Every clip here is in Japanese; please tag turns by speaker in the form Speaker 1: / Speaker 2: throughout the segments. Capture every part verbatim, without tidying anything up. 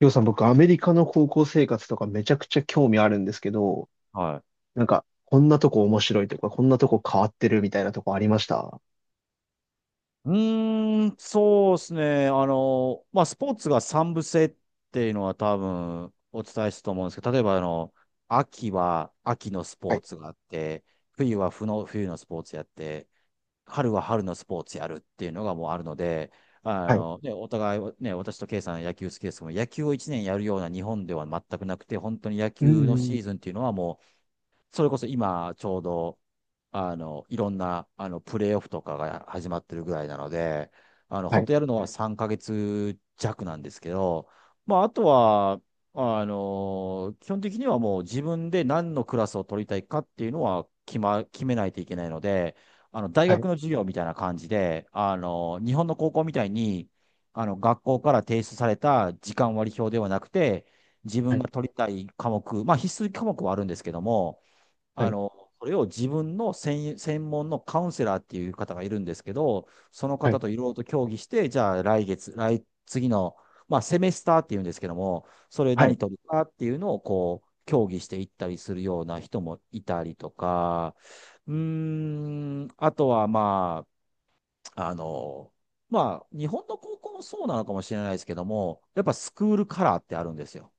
Speaker 1: りょうさん、僕、アメリカの高校生活とかめちゃくちゃ興味あるんですけど、
Speaker 2: はい。
Speaker 1: なんか、こんなとこ面白いとか、こんなとこ変わってるみたいなとこありました？
Speaker 2: うーん、そうですね。あの、まあ、スポーツが三部制っていうのは多分お伝えしたと思うんですけど、例えばあの、秋は秋のスポ
Speaker 1: は
Speaker 2: ー
Speaker 1: い、
Speaker 2: ツがあって、冬は冬の、冬のスポーツやって、春は春のスポーツやるっていうのがもうあるので、あ
Speaker 1: はい。
Speaker 2: の、ね、お互い、ね、私とケイさん野球好きですけども、野球をいちねんやるような日本では全くなくて、本当に野
Speaker 1: うん、
Speaker 2: 球のシ
Speaker 1: うん。
Speaker 2: ーズンっていうのはもう、それこそ今、ちょうど、あの、いろんな、あの、プレーオフとかが始まってるぐらいなので、あの、
Speaker 1: は
Speaker 2: 本
Speaker 1: い、
Speaker 2: 当やるのはさんかげつ弱なんですけど、まあ、あとは、あの、基本的にはもう自分で何のクラスを取りたいかっていうのは決ま、決めないといけないので、あの、大
Speaker 1: は
Speaker 2: 学
Speaker 1: い、
Speaker 2: の授業みたいな感じで、あの、日本の高校みたいに、あの、学校から提出された時間割表ではなくて、自
Speaker 1: は
Speaker 2: 分
Speaker 1: い、
Speaker 2: が取りたい科目、まあ必須科目はあるんですけども、
Speaker 1: は
Speaker 2: あ
Speaker 1: い、
Speaker 2: の、それを自分の専、専門のカウンセラーっていう方がいるんですけど、その
Speaker 1: は
Speaker 2: 方
Speaker 1: い、
Speaker 2: といろいろと協議して、じゃあ来月、来、次の、まあセメスターっていうんですけども、それ
Speaker 1: は
Speaker 2: 何
Speaker 1: い、
Speaker 2: 取るかっていうのをこう、協議していったりするような人もいたりとか、うーん、あとはまあ、あの、まあ、日本の高校もそうなのかもしれないですけども、やっぱスクールカラーってあるんですよ。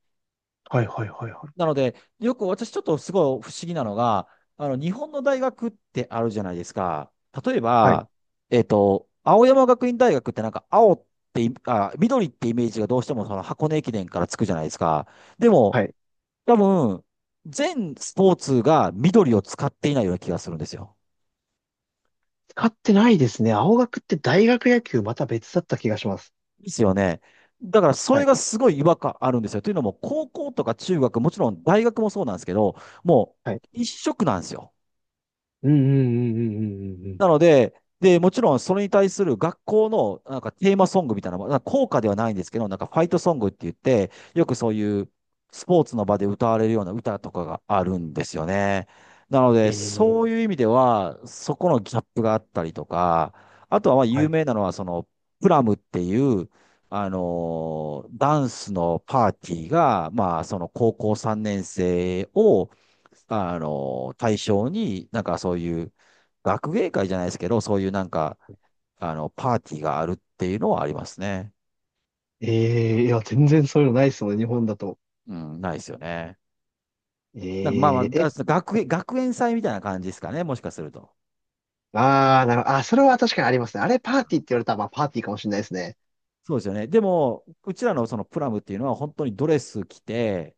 Speaker 1: はい、はい、はい、
Speaker 2: なので、よく私ちょっとすごい不思議なのが、あの、日本の大学ってあるじゃないですか。例え
Speaker 1: はい、
Speaker 2: ば、えっと、青山学院大学ってなんか青ってい、あ、緑ってイメージがどうしてもその箱根駅伝からつくじゃないですか。で
Speaker 1: は
Speaker 2: も、
Speaker 1: い。
Speaker 2: 多分、全スポーツが緑を使っていないような気がするんですよ。
Speaker 1: 使ってないですね。青学って大学野球また別だった気がします。
Speaker 2: ですよね。だからそ
Speaker 1: は
Speaker 2: れ
Speaker 1: い、
Speaker 2: がすごい違和感あるんですよ。というのも、高校とか中学、もちろん大学もそうなんですけど、も
Speaker 1: はい。
Speaker 2: う一色なんですよ。
Speaker 1: うん、うん、うん、うん、うん、うん。
Speaker 2: なので、で、もちろんそれに対する学校のなんかテーマソングみたいな、なんか校歌ではないんですけど、なんかファイトソングって言って、よくそういうスポーツの場で歌われるような歌とかがあるんですよね。なの
Speaker 1: え
Speaker 2: で、
Speaker 1: え
Speaker 2: そ
Speaker 1: ー、
Speaker 2: ういう意味では、そこのギャップがあったりとか、あとはまあ
Speaker 1: は
Speaker 2: 有
Speaker 1: い。
Speaker 2: 名なのは、その、プラムっていう、あのーダンスのパーティーが、まあ、その高校さんねん生を、あのー対象に、なんかそういう、学芸会じゃないですけど、そういうなんか、あの、パーティーがあるっていうのはありますね。
Speaker 1: ええー、いや、全然そういうのないですもんね、日本だと。
Speaker 2: うん、ないですよね。なんかまあまあ、
Speaker 1: ええ
Speaker 2: が学園、学園祭みたいな感じですかね、もしかすると。
Speaker 1: ああ、なるほど。あ、それは確かにありますね。あれパーティーって言われたら、まあパーティーかもしれないですね。
Speaker 2: そうですよね。でも、うちらのそのプラムっていうのは本当にドレス着て、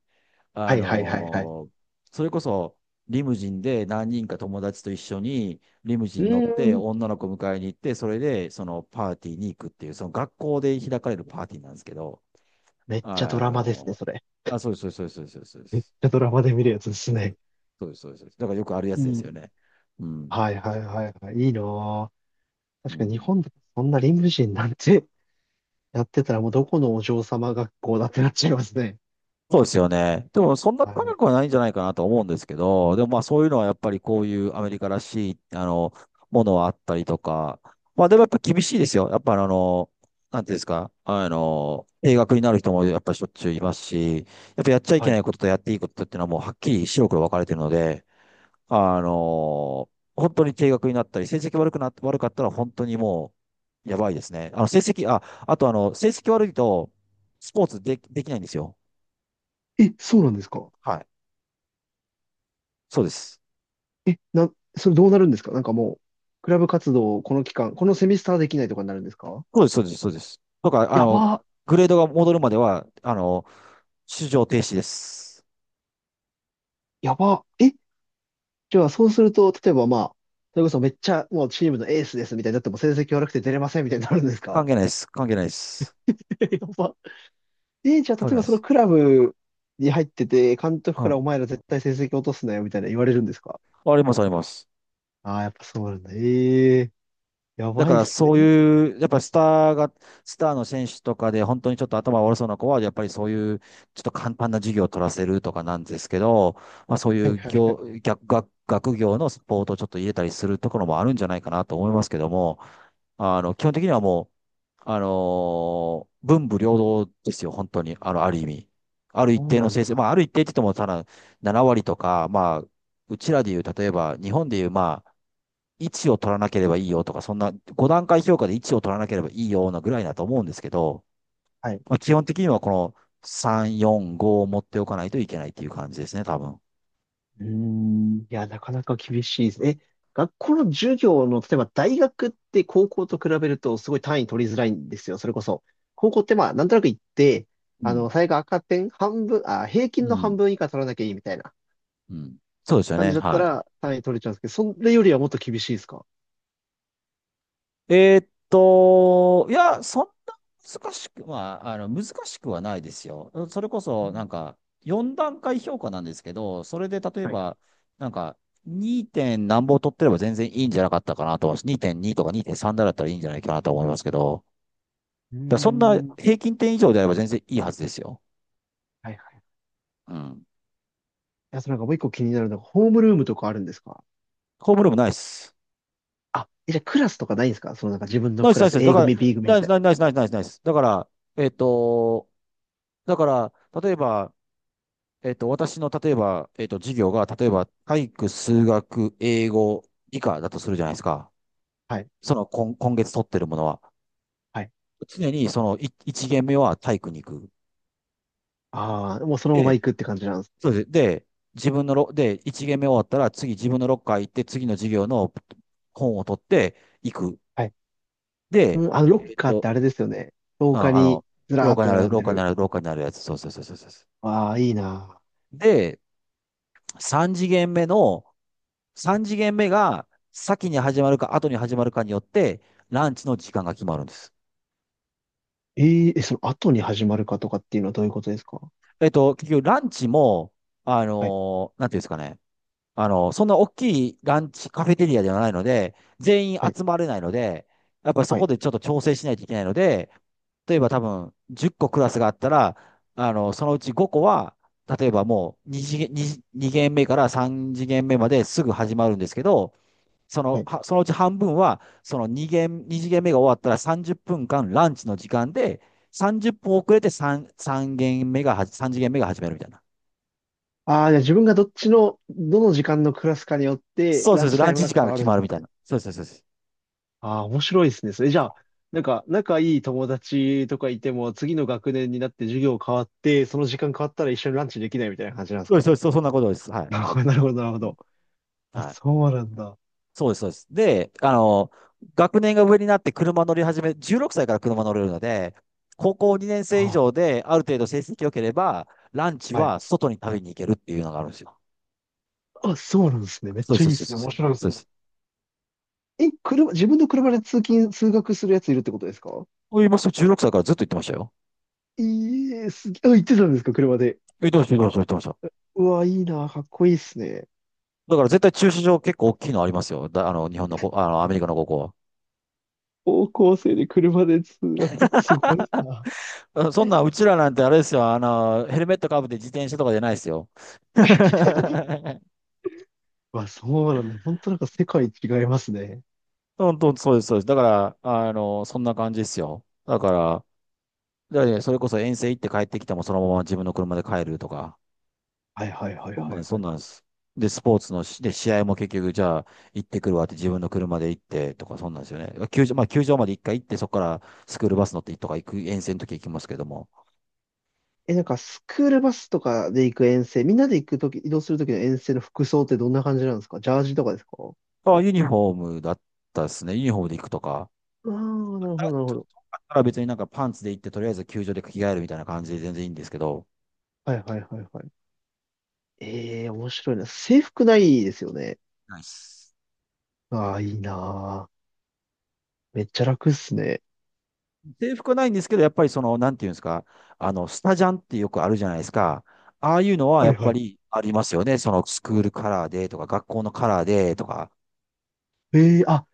Speaker 2: あ
Speaker 1: はいはいはいはい。
Speaker 2: のーそれこそリムジンで何人か友達と一緒にリムジ
Speaker 1: う
Speaker 2: ン乗って
Speaker 1: ーん。
Speaker 2: 女の子迎えに行って、それでそのパーティーに行くっていう、その学校で開かれるパーティーなんですけど、
Speaker 1: めっちゃド
Speaker 2: あ
Speaker 1: ラマですね、
Speaker 2: の
Speaker 1: それ。
Speaker 2: ーあ、そうです、そうです、そうです、そうです。そうで
Speaker 1: めっ
Speaker 2: す
Speaker 1: ちゃドラマで見るやつですね。
Speaker 2: そうです、そうです。だからよくあるや
Speaker 1: い
Speaker 2: つですよ
Speaker 1: い。
Speaker 2: ね。うん。
Speaker 1: はいはいはいはい。いいなぁ。
Speaker 2: う
Speaker 1: 確かに日
Speaker 2: ん。
Speaker 1: 本でそんな理無人なんてやってたらもうどこのお嬢様学校だってなっちゃいますね。
Speaker 2: そうですよね。でもそんな
Speaker 1: は
Speaker 2: 高
Speaker 1: い。
Speaker 2: くはないんじゃないかなと思うんですけど、でもまあそういうのはやっぱりこういうアメリカらしい、あの、ものはあったりとか、まあでもやっぱ厳しいですよ。やっぱあの、なんていうんですか、あの、定額になる人もやっぱりしょっちゅういますし、やっぱやっちゃいけ
Speaker 1: は
Speaker 2: な
Speaker 1: い。
Speaker 2: いこととやっていいことっていうのはもうはっきり白黒分かれてるので、あのー本当に低額になったり、成績悪くな、悪かったら本当にもう、やばいですね。あの、成績、あ、あとあの、成績悪いと、スポーツで、できないんですよ。
Speaker 1: え、そうなんですか？
Speaker 2: はい。そうです。
Speaker 1: え、な、それどうなるんですか？なんかもう、クラブ活動をこの期間、このセミスターできないとかになるんですか？
Speaker 2: そうです、そうです、そうです。とか、あ
Speaker 1: や
Speaker 2: の、
Speaker 1: ば、
Speaker 2: グレードが戻るまでは、あの、出場停止です。
Speaker 1: やば。え、じゃあ、そうすると、例えばまあ、それこそめっちゃもうチームのエースですみたいになっても成績悪くて出れませんみたいになるんです
Speaker 2: 関
Speaker 1: か？
Speaker 2: 係ないです。関係ないです。
Speaker 1: やば。えーじゃあ、例
Speaker 2: 関係
Speaker 1: え
Speaker 2: ない
Speaker 1: ば
Speaker 2: で
Speaker 1: その
Speaker 2: す。
Speaker 1: クラブに入ってて、監督か
Speaker 2: は
Speaker 1: らお前ら絶対成績落とすなよみたいな言われるんですか？
Speaker 2: い。あります、あります。
Speaker 1: ああー、やっぱそうなんだ。ええー、や
Speaker 2: だ
Speaker 1: ば
Speaker 2: か
Speaker 1: いっ
Speaker 2: ら
Speaker 1: す
Speaker 2: そう
Speaker 1: ね。
Speaker 2: いう、やっぱりスターが、スターの選手とかで本当にちょっと頭悪そうな子は、やっぱりそういう、ちょっと簡単な授業を取らせるとかなんですけど、まあそうい
Speaker 1: え、はい
Speaker 2: う
Speaker 1: はいは
Speaker 2: 業、
Speaker 1: い。
Speaker 2: 逆、学学業のスポーツをちょっと入れたりするところもあるんじゃないかなと思いますけども、あの、基本的にはもう、あのー文武両道ですよ、本当に。あの、ある意味。ある
Speaker 1: そ
Speaker 2: 一
Speaker 1: う
Speaker 2: 定
Speaker 1: な
Speaker 2: の成
Speaker 1: ん
Speaker 2: 績、ま
Speaker 1: だ。
Speaker 2: あある一定って言っても、ただなな割とか、まあ、うちらでいう、例えば、日本でいう、まあ、位置を取らなければいいよとか、そんなご段階評価で位置を取らなければいいようなぐらいだと思うんですけど、
Speaker 1: はい。
Speaker 2: まあ、基本的にはこのさん、よん、ごを持っておかないといけないっていう感じですね、多分。
Speaker 1: うーん。いや、なかなか厳しいです。え、学校の授業の、例えば大学って高校と比べるとすごい単位取りづらいんですよ。それこそ。高校ってまあ、なんとなく行って、
Speaker 2: う
Speaker 1: あ
Speaker 2: ん。
Speaker 1: の、最悪赤点半分、あ、平
Speaker 2: う
Speaker 1: 均の半
Speaker 2: ん。
Speaker 1: 分以下取らなきゃいいみたいな
Speaker 2: うん。そうですよ
Speaker 1: 感
Speaker 2: ね。
Speaker 1: じだった
Speaker 2: は
Speaker 1: ら単位取れちゃうんですけど、それよりはもっと厳しいですか？
Speaker 2: い。えーっと、いや、そんな難しくは、あの、難しくはないですよ。それこそ、なんか、よん段階評価なんですけど、それで例え
Speaker 1: はい。
Speaker 2: ば、なんか、に. 点何本取ってれば全然いいんじゃなかったかなと、にてんにとかにてんさんだったらいいんじゃないかなと思いますけど、
Speaker 1: うー
Speaker 2: だそんな
Speaker 1: ん。はい
Speaker 2: 平均点以上であれば全然いいはずですよ。
Speaker 1: はい。い
Speaker 2: うん。
Speaker 1: や、そのなんかもう一個気になるのが、ホームルームとかあるんですか？
Speaker 2: ホームルームないっす。
Speaker 1: あ、え、じゃあクラスとかないんですか？そのなんか自分の
Speaker 2: ないっ
Speaker 1: ク
Speaker 2: す、な
Speaker 1: ラ
Speaker 2: いっす、
Speaker 1: ス、
Speaker 2: ないっすだ
Speaker 1: A
Speaker 2: から、
Speaker 1: 組、ビーぐみ
Speaker 2: な
Speaker 1: み
Speaker 2: いっ
Speaker 1: た
Speaker 2: す、
Speaker 1: い
Speaker 2: ないっす、ないっす、ないっす、ないっすないっすだから、えっと、だから、例えば、えっと、私の、例えば、えっと、授業が、例えば、体育、数学、英語、理科だとするじゃないですか。
Speaker 1: な。はい。
Speaker 2: その、今、今月取ってるものは。
Speaker 1: はい。
Speaker 2: 常に、その、い一限目は体育に行く。
Speaker 1: ああ、もうそのまま
Speaker 2: で、
Speaker 1: 行くって感じなんです。
Speaker 2: そうです。で、自分のロ、で、一限目終わったら、次自分のロッカー行って、次の授業の本を取って行く。
Speaker 1: はい。
Speaker 2: で、
Speaker 1: うん、あの、ロッ
Speaker 2: えっ
Speaker 1: カーっ
Speaker 2: と、
Speaker 1: てあれですよね。廊下
Speaker 2: あ、あ
Speaker 1: に
Speaker 2: の、
Speaker 1: ずら
Speaker 2: 廊
Speaker 1: ーっ
Speaker 2: 下
Speaker 1: て
Speaker 2: にある、
Speaker 1: 並ん
Speaker 2: 廊
Speaker 1: で
Speaker 2: 下に
Speaker 1: る。
Speaker 2: ある、廊下にあるやつ。そうそうそうそうそうそ
Speaker 1: ああ、いいな。
Speaker 2: う。で、3次元目の、さん次元目が先に始まるか後に始まるかによって、ランチの時間が決まるんです。
Speaker 1: えーえ、その後に始まるかとかっていうのはどういうことですか？
Speaker 2: えっと、結局ランチも、あ
Speaker 1: はい、
Speaker 2: のーなんていうんですかね。あのーそんな大きいランチカフェテリアではないので、全員
Speaker 1: はい、
Speaker 2: 集まれないので、やっぱりそ
Speaker 1: は
Speaker 2: こ
Speaker 1: い、
Speaker 2: でちょっと調整しないといけないので、例えば多分じゅっこクラスがあったら、あの、そのうちごこは、例えばもう2次元、2、二限目からさん次元目まですぐ始まるんですけど、そ
Speaker 1: は
Speaker 2: の、
Speaker 1: い。
Speaker 2: はそのうち半分は、その2限、に次元目が終わったらさんじゅっぷんかんランチの時間で、さんじゅっぷん遅れてさん、三限目がは、さん次元目が始めるみたいな。
Speaker 1: ああ、じゃあ自分がどっちの、どの時間のクラスかによって、
Speaker 2: そう
Speaker 1: ラ
Speaker 2: そう
Speaker 1: ン
Speaker 2: そう、
Speaker 1: チタ
Speaker 2: ラン
Speaker 1: イム
Speaker 2: チ
Speaker 1: が
Speaker 2: 時間
Speaker 1: 変
Speaker 2: が
Speaker 1: わ
Speaker 2: 決
Speaker 1: るん
Speaker 2: ま
Speaker 1: で
Speaker 2: るみた
Speaker 1: す
Speaker 2: い
Speaker 1: ね。
Speaker 2: な。そうそうそうそう。
Speaker 1: ああ、面白いですね。それじゃあ、なんか、仲いい友達とかいても、次の学年になって授業変わって、その時間変わったら一緒にランチできないみたいな感じなんです
Speaker 2: そうですそ
Speaker 1: か？
Speaker 2: うです、そんなことです。はい。
Speaker 1: なるほど、なるほど、なるほ
Speaker 2: うん
Speaker 1: ど。あ、
Speaker 2: はい。
Speaker 1: そうなんだ。
Speaker 2: そうです、そうです。で、あの、学年が上になって車乗り始め、じゅうろくさいから車乗れるので、高校にねん生以
Speaker 1: あ、
Speaker 2: 上である程度成績良ければ、ランチ
Speaker 1: はい。
Speaker 2: は外に食べに行けるっていうのがあるんですよ。
Speaker 1: あ、そうなんですね。めっ
Speaker 2: そうで
Speaker 1: ちゃいい
Speaker 2: す、
Speaker 1: で
Speaker 2: そうです、そう
Speaker 1: す
Speaker 2: で
Speaker 1: ね。
Speaker 2: す。
Speaker 1: 面白いで
Speaker 2: そう
Speaker 1: す
Speaker 2: で
Speaker 1: ね。
Speaker 2: す。
Speaker 1: え、車、自分の車で通勤、通学するやついるってことですか？
Speaker 2: そう言いますと、じゅうろくさいからずっと行ってましたよ。
Speaker 1: いえ、すげえ、あ、行ってたんですか、車で。
Speaker 2: 行ってました、言ってました、言ってました。
Speaker 1: うわ、いいな、かっこいいっすね。
Speaker 2: だから絶対駐車場結構大きいのありますよ。だ、あの、日本のこ、あの、アメリカの高校は。
Speaker 1: 高校生で車で通学、すごいな。
Speaker 2: あそんな、うちらなんてあれですよ。あの、ヘルメットかぶって自転車とかじゃないですよ。
Speaker 1: わ、そうなんだ。本当なんか世界違いますね。
Speaker 2: 本当、そうです、そうです。だから、あの、そんな感じですよ。だから、だからねそれこそ遠征行って帰ってきてもそのまま自分の車で帰るとか、
Speaker 1: はいはいはい
Speaker 2: そん
Speaker 1: は
Speaker 2: なんで
Speaker 1: い
Speaker 2: す、そ
Speaker 1: は
Speaker 2: ん
Speaker 1: い。
Speaker 2: なんです。で、スポーツのし、で、試合も結局、じゃあ、行ってくるわって自分の車で行ってとか、そんなんですよね。球場、まあ、球場まで一回行って、そこからスクールバス乗ってとか行く、遠征の時行きますけども。
Speaker 1: え、なんかスクールバスとかで行く遠征、みんなで行くとき、移動するときの遠征の服装ってどんな感じなんですか？ジャージとかですか？
Speaker 2: あ、ユニフォームだったですね。ユニフォームで行くとか。
Speaker 1: ああー、なる
Speaker 2: あ
Speaker 1: ほど
Speaker 2: だ
Speaker 1: なるほど。
Speaker 2: から別になんかパンツで行って、とりあえず球場で着替えるみたいな感じで全然いいんですけど。
Speaker 1: はいはいはいはい。ええ、面白いな。制服ないですよね。
Speaker 2: ないっす。
Speaker 1: ああ、いいな。めっちゃ楽っすね。
Speaker 2: 制服はないんですけど、やっぱりその、なんていうんですか、あの、スタジャンってよくあるじゃないですか。ああいうのは
Speaker 1: は
Speaker 2: や
Speaker 1: い
Speaker 2: っ
Speaker 1: は
Speaker 2: ぱ
Speaker 1: い。
Speaker 2: りありますよね。そのスクールカラーでとか、学校のカラーでとか。
Speaker 1: ええ、あ、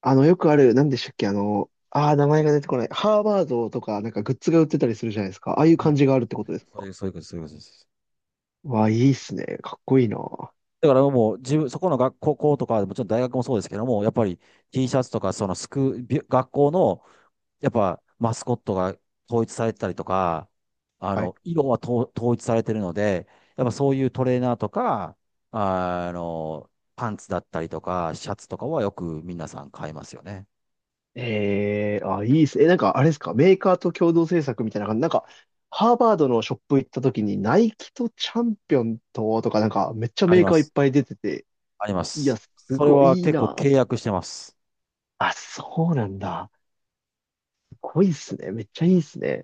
Speaker 1: あの、よくある、なんでしたっけ、あの、ああ、名前が出てこない。ハーバードとか、なんかグッズが売ってたりするじゃないですか。ああいう
Speaker 2: はい、
Speaker 1: 感じがあるってことです
Speaker 2: そう
Speaker 1: か？
Speaker 2: いう、そういうことです、そういうことです。
Speaker 1: わあ、いいっすね。かっこいいな。は
Speaker 2: だからもう、自分、そこの学校とか、もちろん大学もそうですけども、やっぱり T シャツとか、そのスク、び学校のやっぱマスコットが統一されてたりとか、あ
Speaker 1: い。
Speaker 2: の、色はと統一されてるので、やっぱそういうトレーナーとか、あの、パンツだったりとか、シャツとかはよく皆さん買いますよね。
Speaker 1: ええ、あ、いいっす。え、なんかあれですか、メーカーと共同制作みたいな感じ。なんか、ハーバードのショップ行った時に、ナイキとチャンピオンと、とか、なんか、めっちゃ
Speaker 2: あり
Speaker 1: メー
Speaker 2: ま
Speaker 1: カーいっ
Speaker 2: す。
Speaker 1: ぱい出てて、
Speaker 2: ありま
Speaker 1: いや、
Speaker 2: す。
Speaker 1: す
Speaker 2: それ
Speaker 1: ごい
Speaker 2: は
Speaker 1: いい
Speaker 2: 結構
Speaker 1: な。
Speaker 2: 契約してます。
Speaker 1: あ、そうなんだ。すごいっすね。めっちゃいいっすね。